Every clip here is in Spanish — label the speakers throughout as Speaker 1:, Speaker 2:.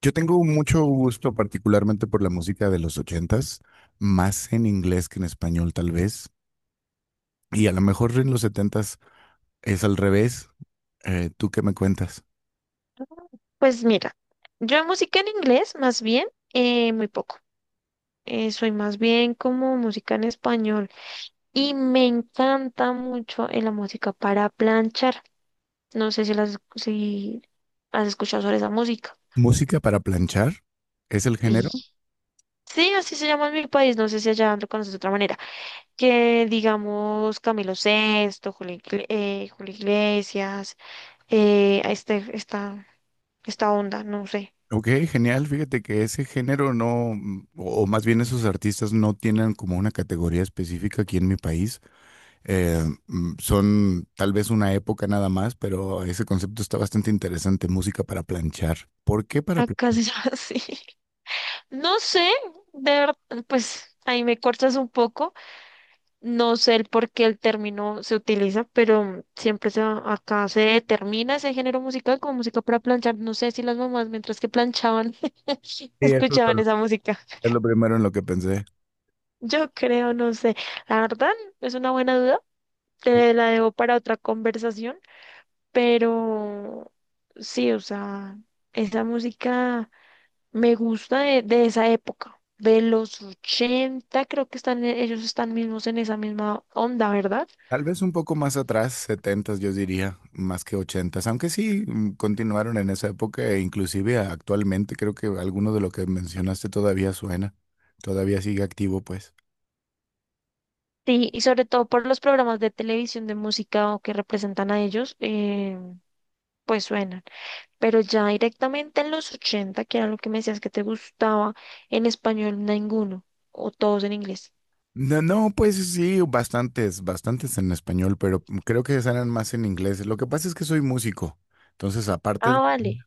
Speaker 1: Yo tengo mucho gusto particularmente por la música de los ochentas, más en inglés que en español tal vez, y a lo mejor en los setentas es al revés. ¿Tú qué me cuentas?
Speaker 2: Pues mira, yo música en inglés más bien, muy poco. Soy más bien como música en español y me encanta mucho la música para planchar. No sé si, si has escuchado sobre esa música.
Speaker 1: ¿Música para planchar? ¿Es el género?
Speaker 2: Sí. Sí, así se llama en mi país, no sé si allá lo conoces de otra manera. Que digamos Camilo Sesto, Julio, Julio Iglesias, eh, a este, esta, esta onda, no sé.
Speaker 1: Ok, genial. Fíjate que ese género no, o más bien esos artistas no tienen como una categoría específica aquí en mi país. Son tal vez una época nada más, pero ese concepto está bastante interesante, música para planchar. ¿Por qué para
Speaker 2: Acá
Speaker 1: planchar?
Speaker 2: se llama así. No sé, de verdad, pues ahí me cortas un poco. No sé el por qué el término se utiliza, pero acá se determina ese género musical como música para planchar. No sé si las mamás, mientras que planchaban,
Speaker 1: Sí, eso es.
Speaker 2: escuchaban esa música.
Speaker 1: Es lo primero en lo que pensé.
Speaker 2: Yo creo, no sé. La verdad, es una buena duda. Te la debo para otra conversación, pero sí, o sea, esa música. Me gusta de esa época, de los 80 creo que ellos están mismos en esa misma onda, ¿verdad?
Speaker 1: Tal vez un poco más atrás, setentas yo diría, más que ochentas aunque sí, continuaron en esa época e inclusive actualmente creo que alguno de lo que mencionaste todavía suena, todavía sigue activo pues.
Speaker 2: Sí, y sobre todo por los programas de televisión de música o que representan a ellos, pues suenan. Pero ya directamente en los 80 que era lo que me decías que te gustaba, en español ninguno, o todos en inglés.
Speaker 1: No, no, pues sí, bastantes, bastantes en español, pero creo que suenan más en inglés. Lo que pasa es que soy músico, entonces
Speaker 2: Ah, vale,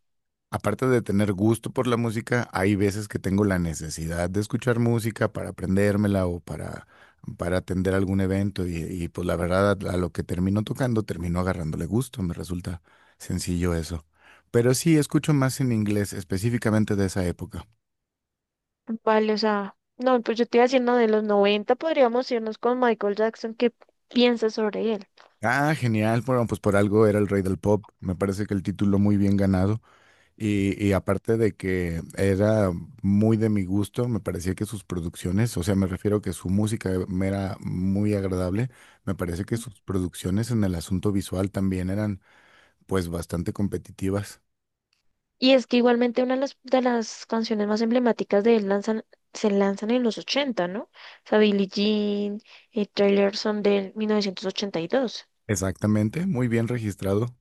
Speaker 1: aparte de tener gusto por la música, hay veces que tengo la necesidad de escuchar música para aprendérmela o para atender algún evento y, pues la verdad a lo que termino tocando termino agarrándole gusto, me resulta sencillo eso. Pero sí, escucho más en inglés, específicamente de esa época.
Speaker 2: vale, o sea, no, pues yo te iba diciendo de los 90 podríamos irnos con Michael Jackson, ¿qué piensas sobre él?
Speaker 1: Ah, genial, bueno, pues por algo era el rey del pop, me parece que el título muy bien ganado. Y aparte de que era muy de mi gusto, me parecía que sus producciones, o sea, me refiero que su música me era muy agradable, me parece que sus producciones en el asunto visual también eran pues bastante competitivas.
Speaker 2: Y es que igualmente una de las canciones más emblemáticas de se lanzan en los 80, ¿no? O sea, Billie Jean y Taylor son de 1982.
Speaker 1: Exactamente, muy bien registrado.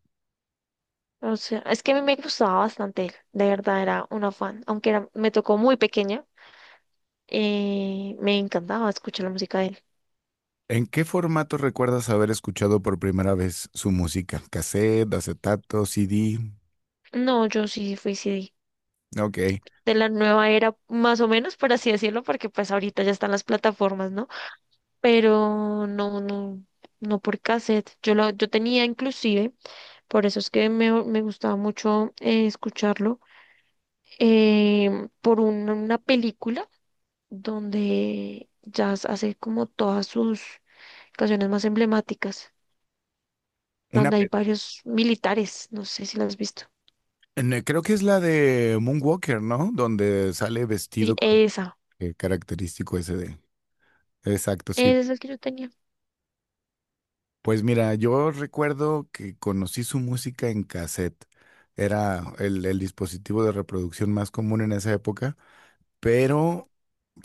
Speaker 2: O sea, es que a mí me gustaba bastante él, de verdad era una fan, aunque era, me tocó muy pequeña, me encantaba escuchar la música de él.
Speaker 1: ¿En qué formato recuerdas haber escuchado por primera vez su música? ¿Cassette, acetato, CD?
Speaker 2: No, yo sí fui CD,
Speaker 1: Ok.
Speaker 2: de la nueva era, más o menos, por así decirlo, porque pues ahorita ya están las plataformas, ¿no? Pero no por cassette. Yo tenía inclusive, por eso es que me gustaba mucho escucharlo, una película donde Jazz hace como todas sus canciones más emblemáticas,
Speaker 1: Una,
Speaker 2: donde hay
Speaker 1: pe-
Speaker 2: varios militares, no sé si las has visto.
Speaker 1: creo que es la de Moonwalker, ¿no? Donde sale
Speaker 2: Y
Speaker 1: vestido con
Speaker 2: esa,
Speaker 1: el característico ese de. Exacto, sí.
Speaker 2: esa es la que yo tenía.
Speaker 1: Pues mira, yo recuerdo que conocí su música en cassette. Era el dispositivo de reproducción más común en esa época, pero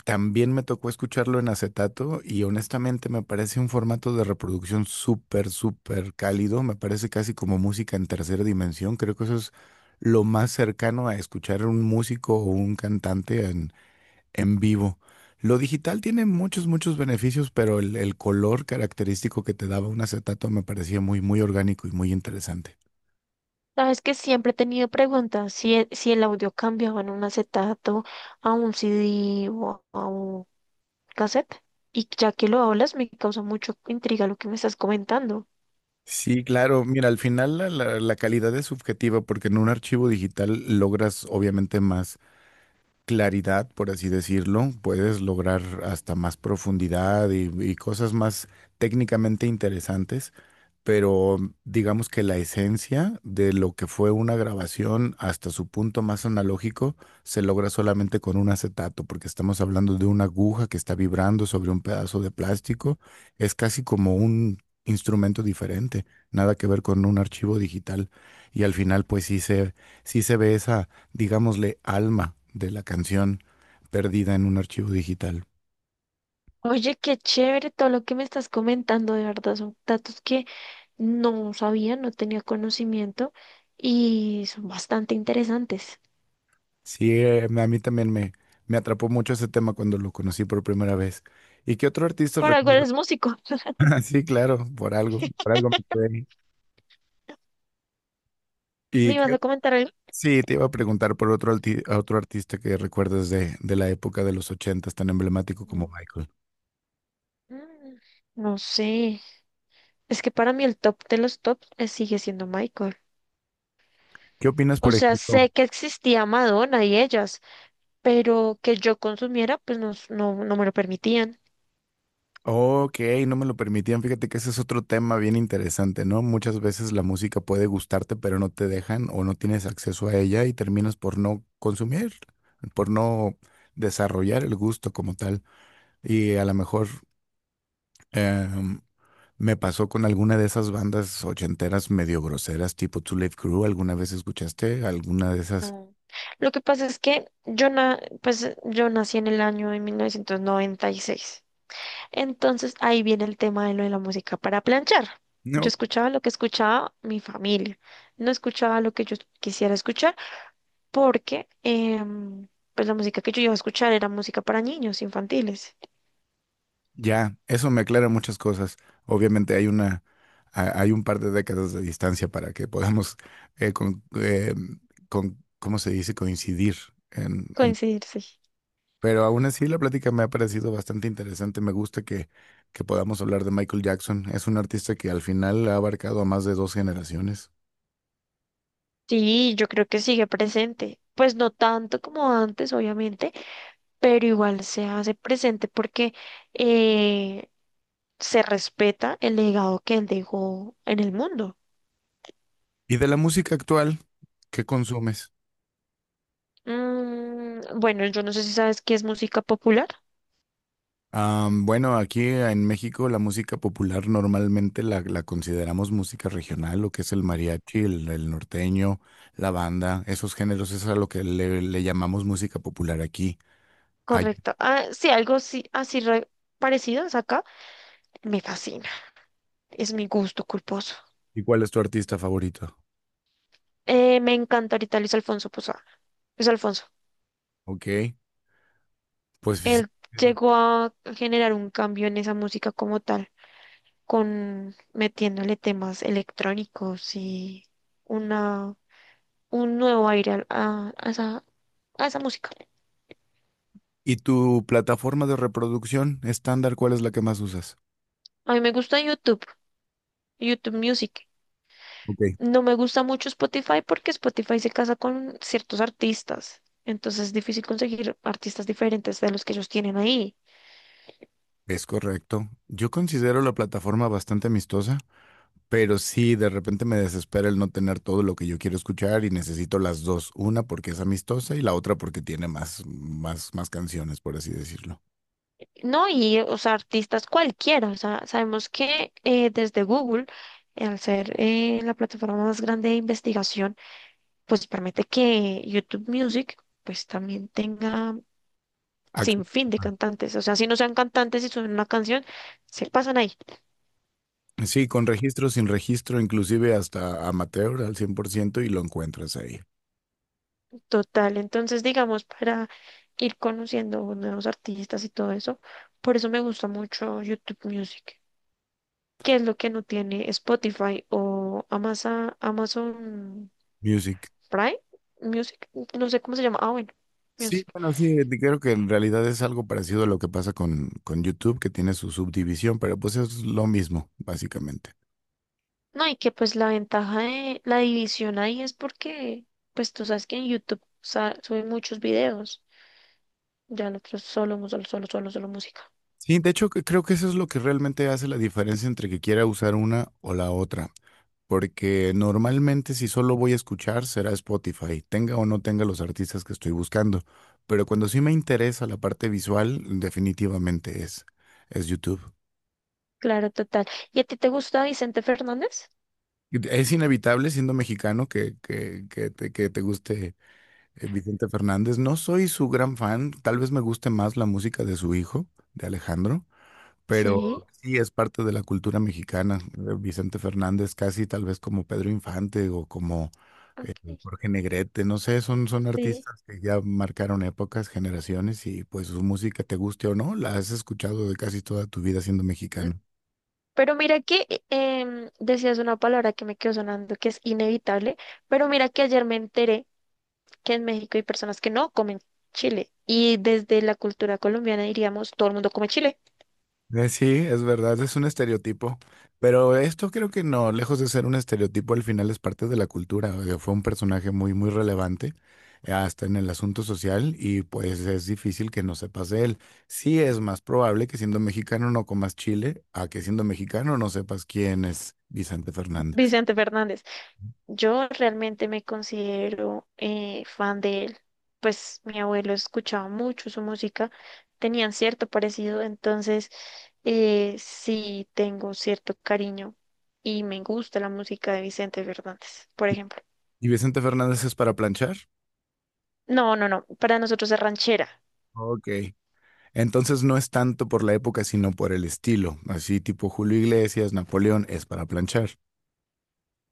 Speaker 1: también me tocó escucharlo en acetato y honestamente me parece un formato de reproducción súper, súper cálido. Me parece casi como música en tercera dimensión. Creo que eso es lo más cercano a escuchar un músico o un cantante en vivo. Lo digital tiene muchos, muchos beneficios, pero el color característico que te daba un acetato me parecía muy, muy orgánico y muy interesante.
Speaker 2: Sabes que siempre he tenido preguntas si el audio cambiaba en un acetato a un c d o a un cassette. Y ya que lo hablas, me causa mucho intriga lo que me estás comentando.
Speaker 1: Sí, claro. Mira, al final la calidad es subjetiva porque en un archivo digital logras obviamente más claridad, por así decirlo, puedes lograr hasta más profundidad y cosas más técnicamente interesantes, pero digamos que la esencia de lo que fue una grabación hasta su punto más analógico se logra solamente con un acetato, porque estamos hablando de una aguja que está vibrando sobre un pedazo de plástico, es casi como un instrumento diferente, nada que ver con un archivo digital y al final pues sí se ve esa digámosle, alma de la canción perdida en un archivo digital.
Speaker 2: Oye, qué chévere todo lo que me estás comentando, de verdad, son datos que no sabía, no tenía conocimiento y son bastante interesantes.
Speaker 1: Sí, a mí también me atrapó mucho ese tema cuando lo conocí por primera vez. ¿Y qué otro artista
Speaker 2: Por algo
Speaker 1: recuerdas?
Speaker 2: eres músico.
Speaker 1: Sí, claro, por algo me quedé ahí.
Speaker 2: ¿Me
Speaker 1: Y
Speaker 2: ibas
Speaker 1: qué-
Speaker 2: a comentar algo?
Speaker 1: sí, te iba a preguntar por otro, a otro artista que recuerdas de la época de los ochentas, tan emblemático como
Speaker 2: Mm,
Speaker 1: Michael.
Speaker 2: No sé, es que para mí el top de los tops sigue siendo Michael.
Speaker 1: ¿Qué opinas,
Speaker 2: O
Speaker 1: por
Speaker 2: sea,
Speaker 1: ejemplo?
Speaker 2: sé que existía Madonna y ellas, pero que yo consumiera, pues no me lo permitían.
Speaker 1: Ok, no me lo permitían. Fíjate que ese es otro tema bien interesante, ¿no? Muchas veces la música puede gustarte, pero no te dejan o no tienes acceso a ella y terminas por no consumir, por no desarrollar el gusto como tal. Y a lo mejor em, me pasó con alguna de esas bandas ochenteras medio groseras, tipo Two Live Crew. ¿Alguna vez escuchaste alguna de esas?
Speaker 2: No. Lo que pasa es que pues, yo nací en el año de 1996. Entonces ahí viene el tema de lo de la música para planchar. Yo escuchaba lo que escuchaba mi familia, no escuchaba lo que yo quisiera escuchar porque pues la música que yo iba a escuchar era música para niños infantiles.
Speaker 1: Ya, eso me aclara muchas cosas. Obviamente hay un par de décadas de distancia para que podamos, eh, con, eh, ¿cómo se dice? Coincidir. En, en-
Speaker 2: Coincidirse.
Speaker 1: pero aún así la plática me ha parecido bastante interesante. Me gusta que podamos hablar de Michael Jackson. Es un artista que al final ha abarcado a más de dos generaciones.
Speaker 2: Sí, yo creo que sigue presente. Pues no tanto como antes, obviamente, pero igual se hace presente porque eh, se respeta el legado que él dejó en el mundo.
Speaker 1: ¿Y de la música actual, qué consumes?
Speaker 2: Bueno, yo no sé si sabes qué es música popular.
Speaker 1: Bueno, aquí en México la música popular normalmente la consideramos música regional, lo que es el mariachi, el norteño, la banda, esos géneros, eso es a lo que le llamamos música popular aquí. Ay,
Speaker 2: Correcto. Ah, sí, algo sí, parecido es acá. Me fascina. Es mi gusto culposo.
Speaker 1: ¿y cuál es tu artista favorito?
Speaker 2: Me encanta ahorita Luis Alfonso Posada. Luis Alfonso.
Speaker 1: Ok, pues sí.
Speaker 2: Él llegó a generar un cambio en esa música como tal, con metiéndole temas electrónicos y una, un nuevo aire a esa música.
Speaker 1: ¿Y tu plataforma de reproducción estándar, cuál es la que más usas?
Speaker 2: A mí me gusta YouTube. YouTube Music.
Speaker 1: Ok.
Speaker 2: No me gusta mucho Spotify porque Spotify se casa con ciertos artistas. Entonces es difícil conseguir artistas diferentes de los que ellos tienen ahí.
Speaker 1: Es correcto. Yo considero la plataforma bastante amistosa. Pero sí, de repente me desespera el no tener todo lo que yo quiero escuchar y necesito las dos, una porque es amistosa y la otra porque tiene más, más, más canciones, por así decirlo.
Speaker 2: No, y o sea, artistas cualquiera. O sea, sabemos que desde Google, al ser la plataforma más grande de investigación, pues permite que YouTube Music pues también tenga sin
Speaker 1: Ac-
Speaker 2: fin de cantantes. O sea, si no sean cantantes y suben una canción, se pasan ahí.
Speaker 1: Sí, con registro, sin registro, inclusive hasta amateur al 100% y lo encuentras ahí.
Speaker 2: Total, entonces digamos para ir conociendo nuevos artistas y todo eso, por eso me gusta mucho YouTube Music, que es lo que no tiene Spotify o Amazon, Amazon
Speaker 1: Music.
Speaker 2: Prime Music, no sé cómo se llama, ah bueno,
Speaker 1: Sí,
Speaker 2: Music.
Speaker 1: bueno, sí, creo que en realidad es algo parecido a lo que pasa con YouTube, que tiene su subdivisión, pero pues es lo mismo, básicamente.
Speaker 2: No, y que pues la ventaja de la división ahí es porque pues tú sabes que en YouTube suben muchos videos, ya nosotros solo música.
Speaker 1: Sí, de hecho, creo que eso es lo que realmente hace la diferencia entre que quiera usar una o la otra. Porque normalmente si solo voy a escuchar será Spotify, tenga o no tenga los artistas que estoy buscando. Pero cuando sí me interesa la parte visual, definitivamente es YouTube.
Speaker 2: Claro, total. ¿Y a ti te gusta Vicente Fernández?
Speaker 1: Es inevitable siendo mexicano que te guste, Vicente Fernández. No soy su gran fan, tal vez me guste más la música de su hijo, de Alejandro,
Speaker 2: Sí,
Speaker 1: pero sí es parte de la cultura mexicana. Vicente Fernández, casi tal vez como Pedro Infante o como eh,
Speaker 2: ok,
Speaker 1: Jorge Negrete, no sé, son
Speaker 2: sí.
Speaker 1: artistas que ya marcaron épocas, generaciones y pues su música, te guste o no, la has escuchado de casi toda tu vida siendo
Speaker 2: Mm,
Speaker 1: mexicano.
Speaker 2: pero mira que decías una palabra que me quedó sonando que es inevitable, pero mira que ayer me enteré que en México hay personas que no comen chile y desde la cultura colombiana diríamos todo el mundo come chile.
Speaker 1: Sí, es verdad, es un estereotipo, pero esto creo que no, lejos de ser un estereotipo, al final es parte de la cultura. O sea, fue un personaje muy, muy relevante, hasta en el asunto social y pues es difícil que no sepas de él. Sí es más probable que siendo mexicano no comas chile a que siendo mexicano no sepas quién es Vicente Fernández.
Speaker 2: Vicente Fernández. Yo realmente me considero fan de él, pues mi abuelo escuchaba mucho su música, tenían cierto parecido, entonces sí tengo cierto cariño y me gusta la música de Vicente Fernández, por ejemplo.
Speaker 1: ¿Y Vicente Fernández es para planchar?
Speaker 2: No, no, no, para nosotros es ranchera.
Speaker 1: Ok. Entonces no es tanto por la época, sino por el estilo, así tipo Julio Iglesias, Napoleón, es para planchar.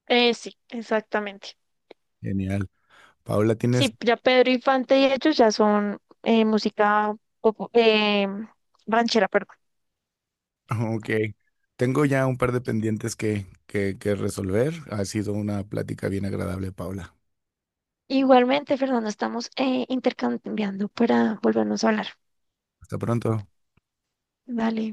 Speaker 2: Sí, exactamente.
Speaker 1: Genial. Paula, tienes,
Speaker 2: Sí, ya Pedro Infante y ellos ya son música popu- eh, ranchera, perdón.
Speaker 1: ok, tengo ya un par de pendientes que resolver. Ha sido una plática bien agradable, Paula.
Speaker 2: Igualmente, Fernando, estamos intercambiando para volvernos a hablar.
Speaker 1: Hasta pronto.
Speaker 2: Dale.